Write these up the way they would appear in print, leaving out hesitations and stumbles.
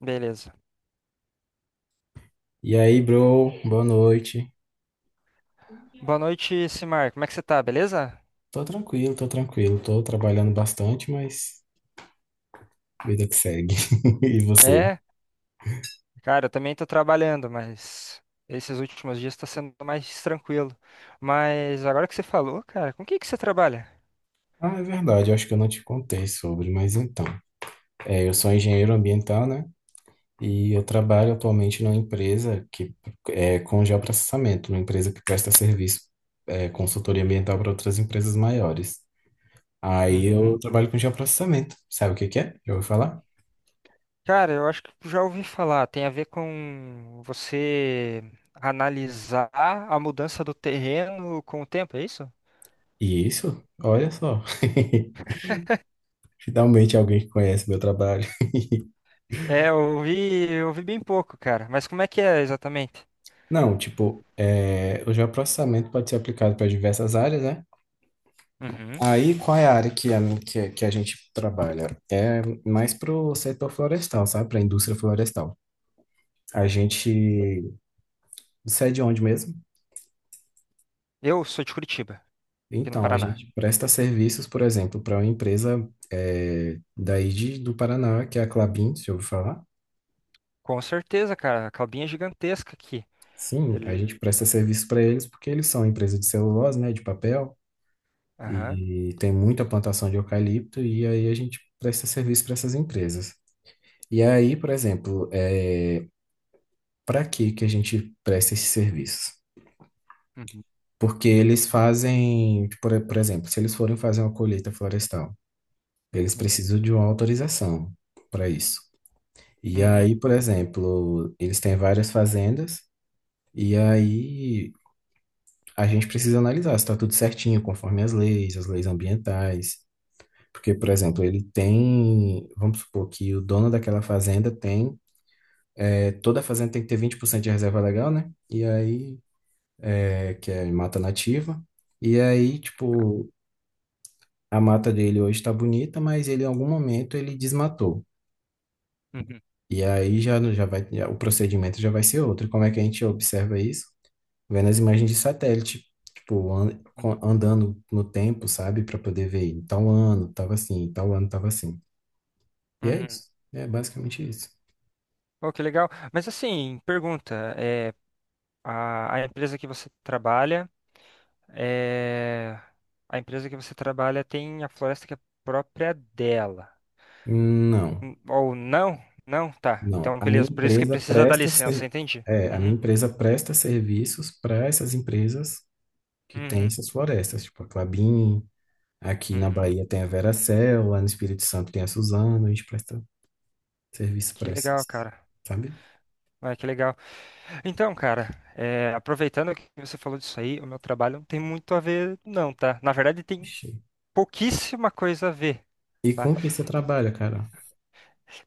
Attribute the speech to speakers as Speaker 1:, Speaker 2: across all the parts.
Speaker 1: Beleza.
Speaker 2: E aí, bro, boa noite.
Speaker 1: Boa noite, Simar. Como é que você tá? Beleza?
Speaker 2: Tô tranquilo. Tô trabalhando bastante, mas vida que segue. E você?
Speaker 1: É, cara, eu também tô trabalhando, mas esses últimos dias tá sendo mais tranquilo. Mas agora que você falou, cara, com o que você trabalha?
Speaker 2: Ah, é verdade, eu acho que eu não te contei sobre, mas então. É, eu sou engenheiro ambiental, né? E eu trabalho atualmente numa empresa que é com geoprocessamento, uma empresa que presta serviço, consultoria ambiental para outras empresas maiores. Aí eu
Speaker 1: Uhum.
Speaker 2: trabalho com geoprocessamento. Sabe o que que é? Já ouviu falar?
Speaker 1: Cara, eu acho que já ouvi falar. Tem a ver com você analisar a mudança do terreno com o tempo, é isso?
Speaker 2: Isso, olha só. Finalmente alguém que conhece meu trabalho.
Speaker 1: Eu ouvi bem pouco, cara. Mas como é que é exatamente?
Speaker 2: Não, tipo, é, o geoprocessamento pode ser aplicado para diversas áreas, né?
Speaker 1: Uhum.
Speaker 2: Aí, qual é a área que a gente trabalha? É mais para o setor florestal, sabe? Para a indústria florestal. A gente sai é de onde mesmo?
Speaker 1: Eu sou de Curitiba, aqui no
Speaker 2: Então, a
Speaker 1: Paraná.
Speaker 2: gente presta serviços, por exemplo, para uma empresa do Paraná, que é a Klabin, se ouviu falar?
Speaker 1: Com certeza, cara. A calbinha é gigantesca aqui.
Speaker 2: Sim, a
Speaker 1: Ele.
Speaker 2: gente presta serviço para eles porque eles são empresa de celulose, né? De papel.
Speaker 1: Aham.
Speaker 2: E tem muita plantação de eucalipto, e aí a gente presta serviço para essas empresas. E aí, por exemplo, para que que a gente presta esses serviços?
Speaker 1: Uhum,
Speaker 2: Porque eles fazem, tipo, por exemplo, se eles forem fazer uma colheita florestal, eles precisam de uma autorização para isso. E
Speaker 1: uhum,
Speaker 2: aí, por exemplo, eles têm várias fazendas, e aí a gente precisa analisar se está tudo certinho, conforme as leis ambientais. Porque, por exemplo, ele tem. Vamos supor que o dono daquela fazenda tem. É, toda a fazenda tem que ter 20% de reserva legal, né? E aí, é, que é mata nativa. E aí, tipo, a mata dele hoje está bonita, mas ele em algum momento ele desmatou.
Speaker 1: uhum,
Speaker 2: E aí o procedimento já vai ser outro. Como é que a gente observa isso? Vendo as imagens de satélite, tipo,
Speaker 1: uhum,
Speaker 2: andando no tempo, sabe? Para poder ver, em tal ano tava assim, em tal ano tava assim. E é
Speaker 1: uhum.
Speaker 2: isso. É basicamente isso.
Speaker 1: Oh, que legal. Mas assim, pergunta, a empresa que você trabalha, é, a empresa que você trabalha tem a floresta que é própria dela.
Speaker 2: Não.
Speaker 1: Ou não? Não? Tá.
Speaker 2: Não,
Speaker 1: Então, beleza. Por isso que precisa da licença, entendi.
Speaker 2: a minha
Speaker 1: Uhum,
Speaker 2: empresa presta serviços para essas empresas que têm
Speaker 1: uhum,
Speaker 2: essas florestas, tipo a Klabin, aqui na
Speaker 1: uhum.
Speaker 2: Bahia tem a Veracel, lá no Espírito Santo tem a Suzano, a gente presta serviço
Speaker 1: Que
Speaker 2: para
Speaker 1: legal,
Speaker 2: essas,
Speaker 1: cara.
Speaker 2: sabe?
Speaker 1: Ah, que legal. Então, cara, aproveitando que você falou disso aí, o meu trabalho não tem muito a ver, não, tá? Na verdade, tem
Speaker 2: Ixi.
Speaker 1: pouquíssima coisa a ver,
Speaker 2: E
Speaker 1: tá?
Speaker 2: com que você trabalha, cara?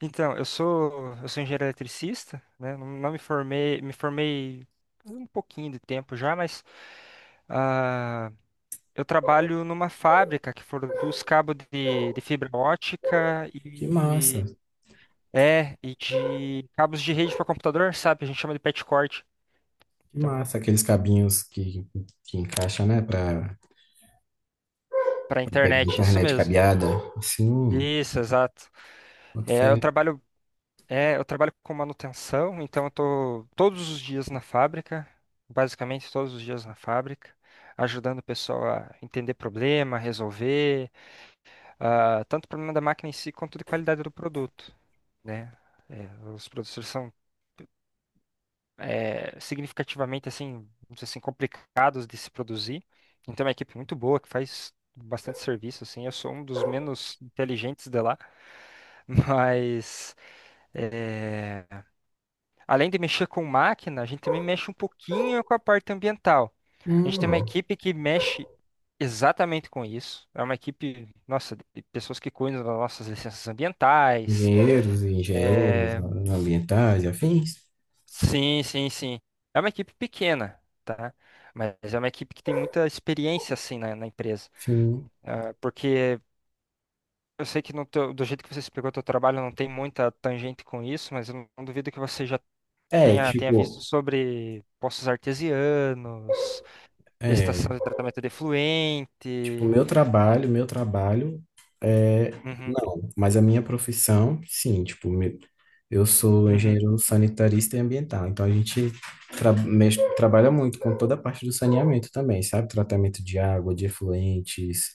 Speaker 1: Então, eu sou engenheiro eletricista, né? Não, me formei, me formei um pouquinho de tempo já, mas ah, eu trabalho numa fábrica que produz cabo de fibra ótica
Speaker 2: Que massa,
Speaker 1: e é e de cabos de rede para computador, sabe? A gente chama de patchcord.
Speaker 2: que massa, aqueles cabinhos que encaixa, né, para
Speaker 1: Para
Speaker 2: pegar
Speaker 1: internet, isso
Speaker 2: internet
Speaker 1: mesmo.
Speaker 2: cabeada, assim,
Speaker 1: Isso, exato.
Speaker 2: boto
Speaker 1: É, eu
Speaker 2: fé.
Speaker 1: trabalho, eu trabalho com manutenção, então eu tô todos os dias na fábrica, basicamente todos os dias na fábrica, ajudando o pessoal a entender problema, resolver, tanto problema da máquina em si quanto de qualidade do produto, né? É, os produtores são significativamente assim, vamos dizer assim, complicados de se produzir. Então é uma equipe muito boa que faz bastante serviço assim. Eu sou um dos menos inteligentes de lá, mas é, além de mexer com máquina, a gente também mexe um pouquinho com a parte ambiental. A gente tem uma
Speaker 2: Hum,
Speaker 1: equipe que mexe exatamente com isso. É uma equipe, nossa, de pessoas que cuidam das nossas licenças ambientais,
Speaker 2: engenheiros e engenheiras
Speaker 1: é.
Speaker 2: ambientais e afins.
Speaker 1: Sim, sim, sim. É uma equipe pequena, tá? Mas é uma equipe que tem muita experiência, assim, na empresa.
Speaker 2: Sim.
Speaker 1: Ah, porque eu sei que no do jeito que você explicou o teu trabalho não tem muita tangente com isso, mas eu não duvido que você já
Speaker 2: É,
Speaker 1: tenha visto
Speaker 2: tipo,
Speaker 1: sobre poços artesianos,
Speaker 2: é,
Speaker 1: estação de tratamento de
Speaker 2: tipo,
Speaker 1: efluente.
Speaker 2: meu trabalho, é
Speaker 1: Uhum,
Speaker 2: não, mas a minha profissão, sim, tipo, eu sou
Speaker 1: uhum.
Speaker 2: engenheiro sanitarista e ambiental, então a gente trabalha muito com toda a parte do saneamento também, sabe? Tratamento de água, de efluentes,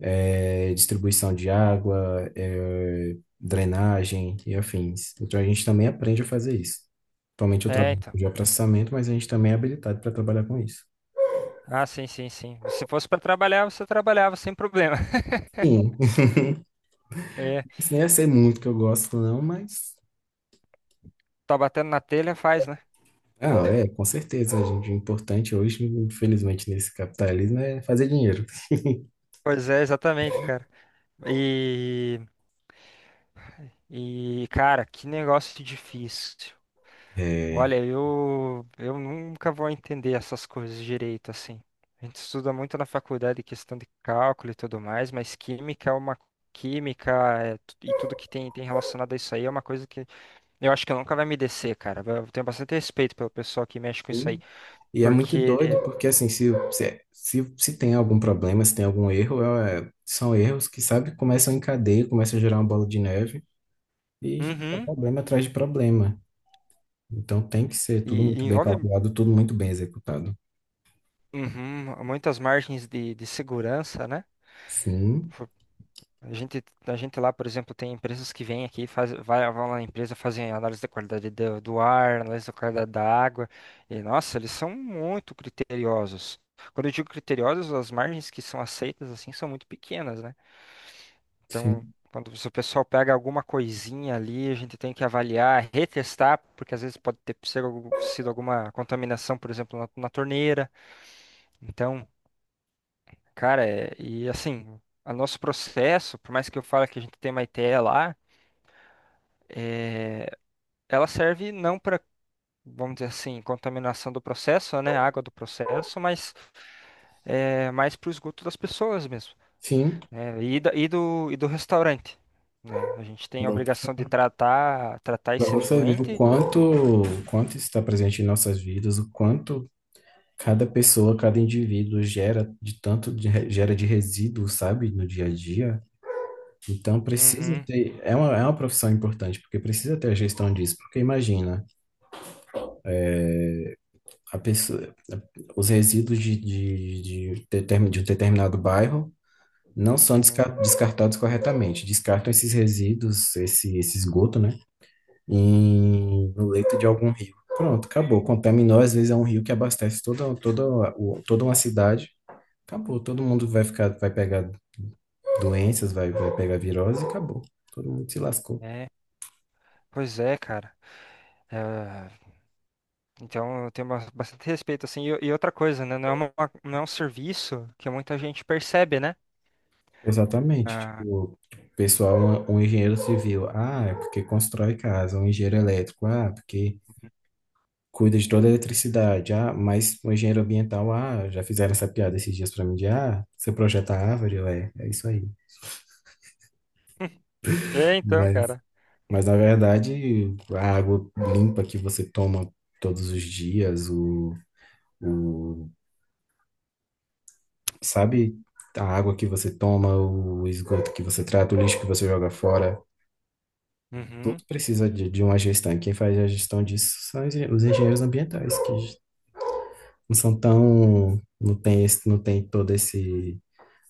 Speaker 2: distribuição de água, drenagem e afins. Então a gente também aprende a fazer isso. Atualmente eu
Speaker 1: É,
Speaker 2: trabalho
Speaker 1: então.
Speaker 2: com geoprocessamento, mas a gente também é habilitado para trabalhar com isso.
Speaker 1: Ah, sim, sim, sim. Se fosse para trabalhar, você trabalhava sem problema.
Speaker 2: Sim,
Speaker 1: É,
Speaker 2: isso nem ia ser muito que eu gosto, não, mas.
Speaker 1: tá batendo na telha, faz, né?
Speaker 2: Ah, é, com certeza, a gente. O importante hoje, infelizmente, nesse capitalismo é fazer dinheiro.
Speaker 1: Pois é, exatamente, cara. E, cara, que negócio difícil. Olha, eu nunca vou entender essas coisas direito, assim. A gente estuda muito na faculdade questão de cálculo e tudo mais, mas química é uma química é e tudo que tem relacionado a isso aí é uma coisa que eu acho que nunca vai me descer, cara. Eu tenho bastante respeito pelo pessoal que mexe com isso aí,
Speaker 2: Sim. E é muito doido,
Speaker 1: porque
Speaker 2: porque assim, se tem algum problema, se tem algum erro, é, são erros que, sabe, começam em cadeia, começam a gerar uma bola de neve e é
Speaker 1: uhum,
Speaker 2: problema atrás de problema. Então tem que ser tudo muito
Speaker 1: e
Speaker 2: bem
Speaker 1: envolve
Speaker 2: calculado, tudo muito bem executado.
Speaker 1: uhum, muitas margens de segurança, né?
Speaker 2: Sim,
Speaker 1: A gente lá, por exemplo, tem empresas que vêm aqui, faz, vai, vão lá na empresa, fazem análise da qualidade do ar, análise da qualidade da água. E, nossa, eles são muito criteriosos. Quando eu digo criteriosos, as margens que são aceitas, assim, são muito pequenas, né? Então,
Speaker 2: sim,
Speaker 1: quando se o pessoal pega alguma coisinha ali, a gente tem que avaliar, retestar, porque às vezes pode ter sido sido alguma contaminação, por exemplo, na torneira. Então, cara, é, e assim... O nosso processo, por mais que eu fale que a gente tem uma ITE lá, é, ela serve não para, vamos dizer assim, contaminação do processo, né, água do processo, mas mais para o esgoto das pessoas mesmo,
Speaker 2: sim.
Speaker 1: né, e e do restaurante, né? A gente tem a obrigação de tratar, tratar
Speaker 2: Para
Speaker 1: esse
Speaker 2: você ver
Speaker 1: efluente.
Speaker 2: o quanto isso está presente em nossas vidas, o quanto cada pessoa, cada indivíduo gera de tanto de, gera de resíduo, sabe, no dia a dia. Então precisa
Speaker 1: Uhum,
Speaker 2: ter, é uma profissão importante, porque precisa ter a gestão disso. Porque imagina, a pessoa, os resíduos de um determinado bairro não são
Speaker 1: uhum.
Speaker 2: desca- descartados corretamente. Descartam esses resíduos, esse esgoto, né, no leito de algum rio. Pronto, acabou. Contaminou, às vezes é um rio que abastece toda uma cidade. Acabou, todo mundo vai ficar, vai pegar doenças, vai pegar virose e acabou. Todo mundo se lascou.
Speaker 1: É, pois é, cara. É, então eu tenho bastante respeito assim. E outra coisa, né, não é um serviço que muita gente percebe, né?
Speaker 2: Exatamente.
Speaker 1: Ah,
Speaker 2: Tipo, o pessoal, um engenheiro civil, ah, é porque constrói casa, um engenheiro elétrico, ah, porque cuida de toda a eletricidade, ah, mas um engenheiro ambiental, ah, já fizeram essa piada esses dias pra mim de, ah, você projeta árvore, ué, é isso aí.
Speaker 1: é, então,
Speaker 2: Mas,
Speaker 1: cara.
Speaker 2: mas na verdade, a água limpa que você toma todos os dias, o sabe? A água que você toma, o esgoto que você trata, o lixo que você joga fora, tudo
Speaker 1: Uhum.
Speaker 2: precisa de uma gestão. E quem faz a gestão disso são os engenheiros ambientais, que não são tão, não tem esse, não tem todo esse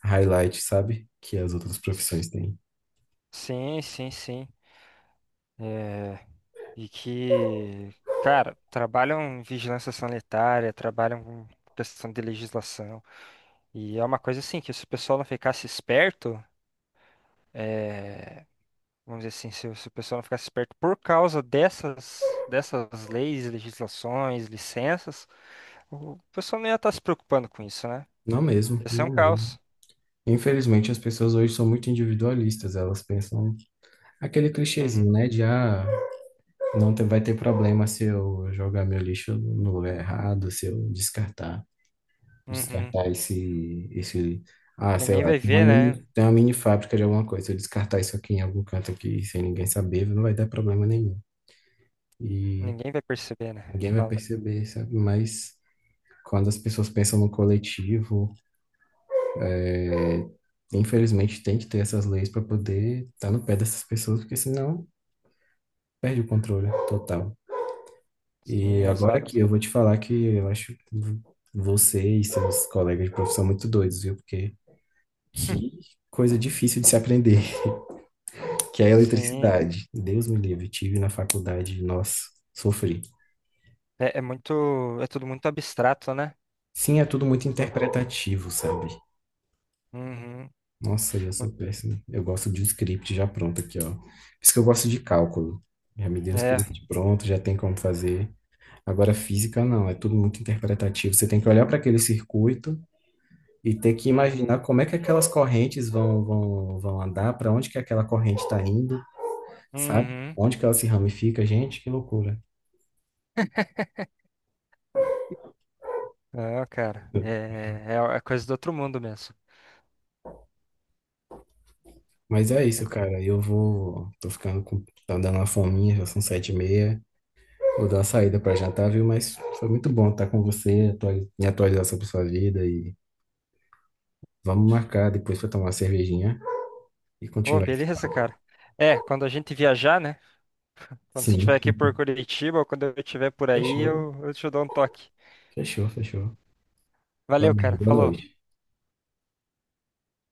Speaker 2: highlight, sabe? Que as outras profissões têm.
Speaker 1: Sim, sim, sim. É, e que, cara, trabalham em vigilância sanitária, trabalham com questão de legislação. E é uma coisa assim, que se o pessoal não ficasse esperto, é, vamos dizer assim, se o pessoal não ficasse esperto por causa dessas leis, legislações, licenças, o pessoal não ia estar se preocupando com isso, né?
Speaker 2: Não mesmo,
Speaker 1: Ia ser um
Speaker 2: não mesmo.
Speaker 1: caos.
Speaker 2: Infelizmente, as pessoas hoje são muito individualistas, elas pensam aquele
Speaker 1: Uhum,
Speaker 2: clichêzinho, né? De ah, não te- vai ter problema se eu jogar meu lixo no lugar errado, se eu descartar.
Speaker 1: uhum.
Speaker 2: Descartar ah, sei
Speaker 1: Ninguém
Speaker 2: lá,
Speaker 1: vai ver, né?
Speaker 2: tem uma mini fábrica de alguma coisa. Se eu descartar isso aqui em algum canto aqui, sem ninguém saber, não vai dar problema nenhum. E
Speaker 1: Ninguém vai perceber, né?
Speaker 2: ninguém
Speaker 1: Você
Speaker 2: vai
Speaker 1: fala.
Speaker 2: perceber, sabe? Mas quando as pessoas pensam no coletivo, é, infelizmente tem que ter essas leis para poder estar no pé dessas pessoas, porque senão perde o controle total. E
Speaker 1: Sim,
Speaker 2: agora aqui
Speaker 1: exato.
Speaker 2: eu vou te falar que eu acho você e seus colegas de profissão muito doidos, viu? Porque que coisa difícil de se aprender. Que é a
Speaker 1: Sim.
Speaker 2: eletricidade. Deus me livre, tive na faculdade, nossa, sofri.
Speaker 1: É, é muito. É tudo muito abstrato, né?
Speaker 2: Sim, é tudo muito
Speaker 1: Tu-
Speaker 2: interpretativo, sabe?
Speaker 1: uhum.
Speaker 2: Nossa, eu sou péssimo. Eu gosto de um script já pronto aqui, ó. Por isso que eu gosto de cálculo. Já me deu o
Speaker 1: É.
Speaker 2: script pronto, já tem como fazer. Agora, física não, é tudo muito interpretativo. Você tem que olhar para aquele circuito e ter que
Speaker 1: Uhum.
Speaker 2: imaginar como é que aquelas correntes vão andar, para onde que aquela corrente está indo, sabe?
Speaker 1: Uhum.
Speaker 2: Onde que ela se ramifica, gente, que loucura.
Speaker 1: Não, cara. É coisa do outro mundo mesmo.
Speaker 2: Mas é
Speaker 1: É
Speaker 2: isso,
Speaker 1: co-
Speaker 2: cara. Eu vou. Tô ficando com. Tá dando uma fominha, já são 7:30. Vou dar uma saída pra jantar, viu? Mas foi muito bom estar com você, me atualizar sobre sua vida e vamos marcar depois pra tomar uma cervejinha e
Speaker 1: ô,
Speaker 2: continuar esse
Speaker 1: beleza,
Speaker 2: papo.
Speaker 1: cara. É, quando a gente viajar, né? Quando você
Speaker 2: Sim.
Speaker 1: estiver aqui por Curitiba ou quando eu estiver por aí,
Speaker 2: Fechou,
Speaker 1: eu te dou um toque.
Speaker 2: fechou, fechou.
Speaker 1: Valeu,
Speaker 2: Valeu,
Speaker 1: cara.
Speaker 2: boa
Speaker 1: Falou.
Speaker 2: noite.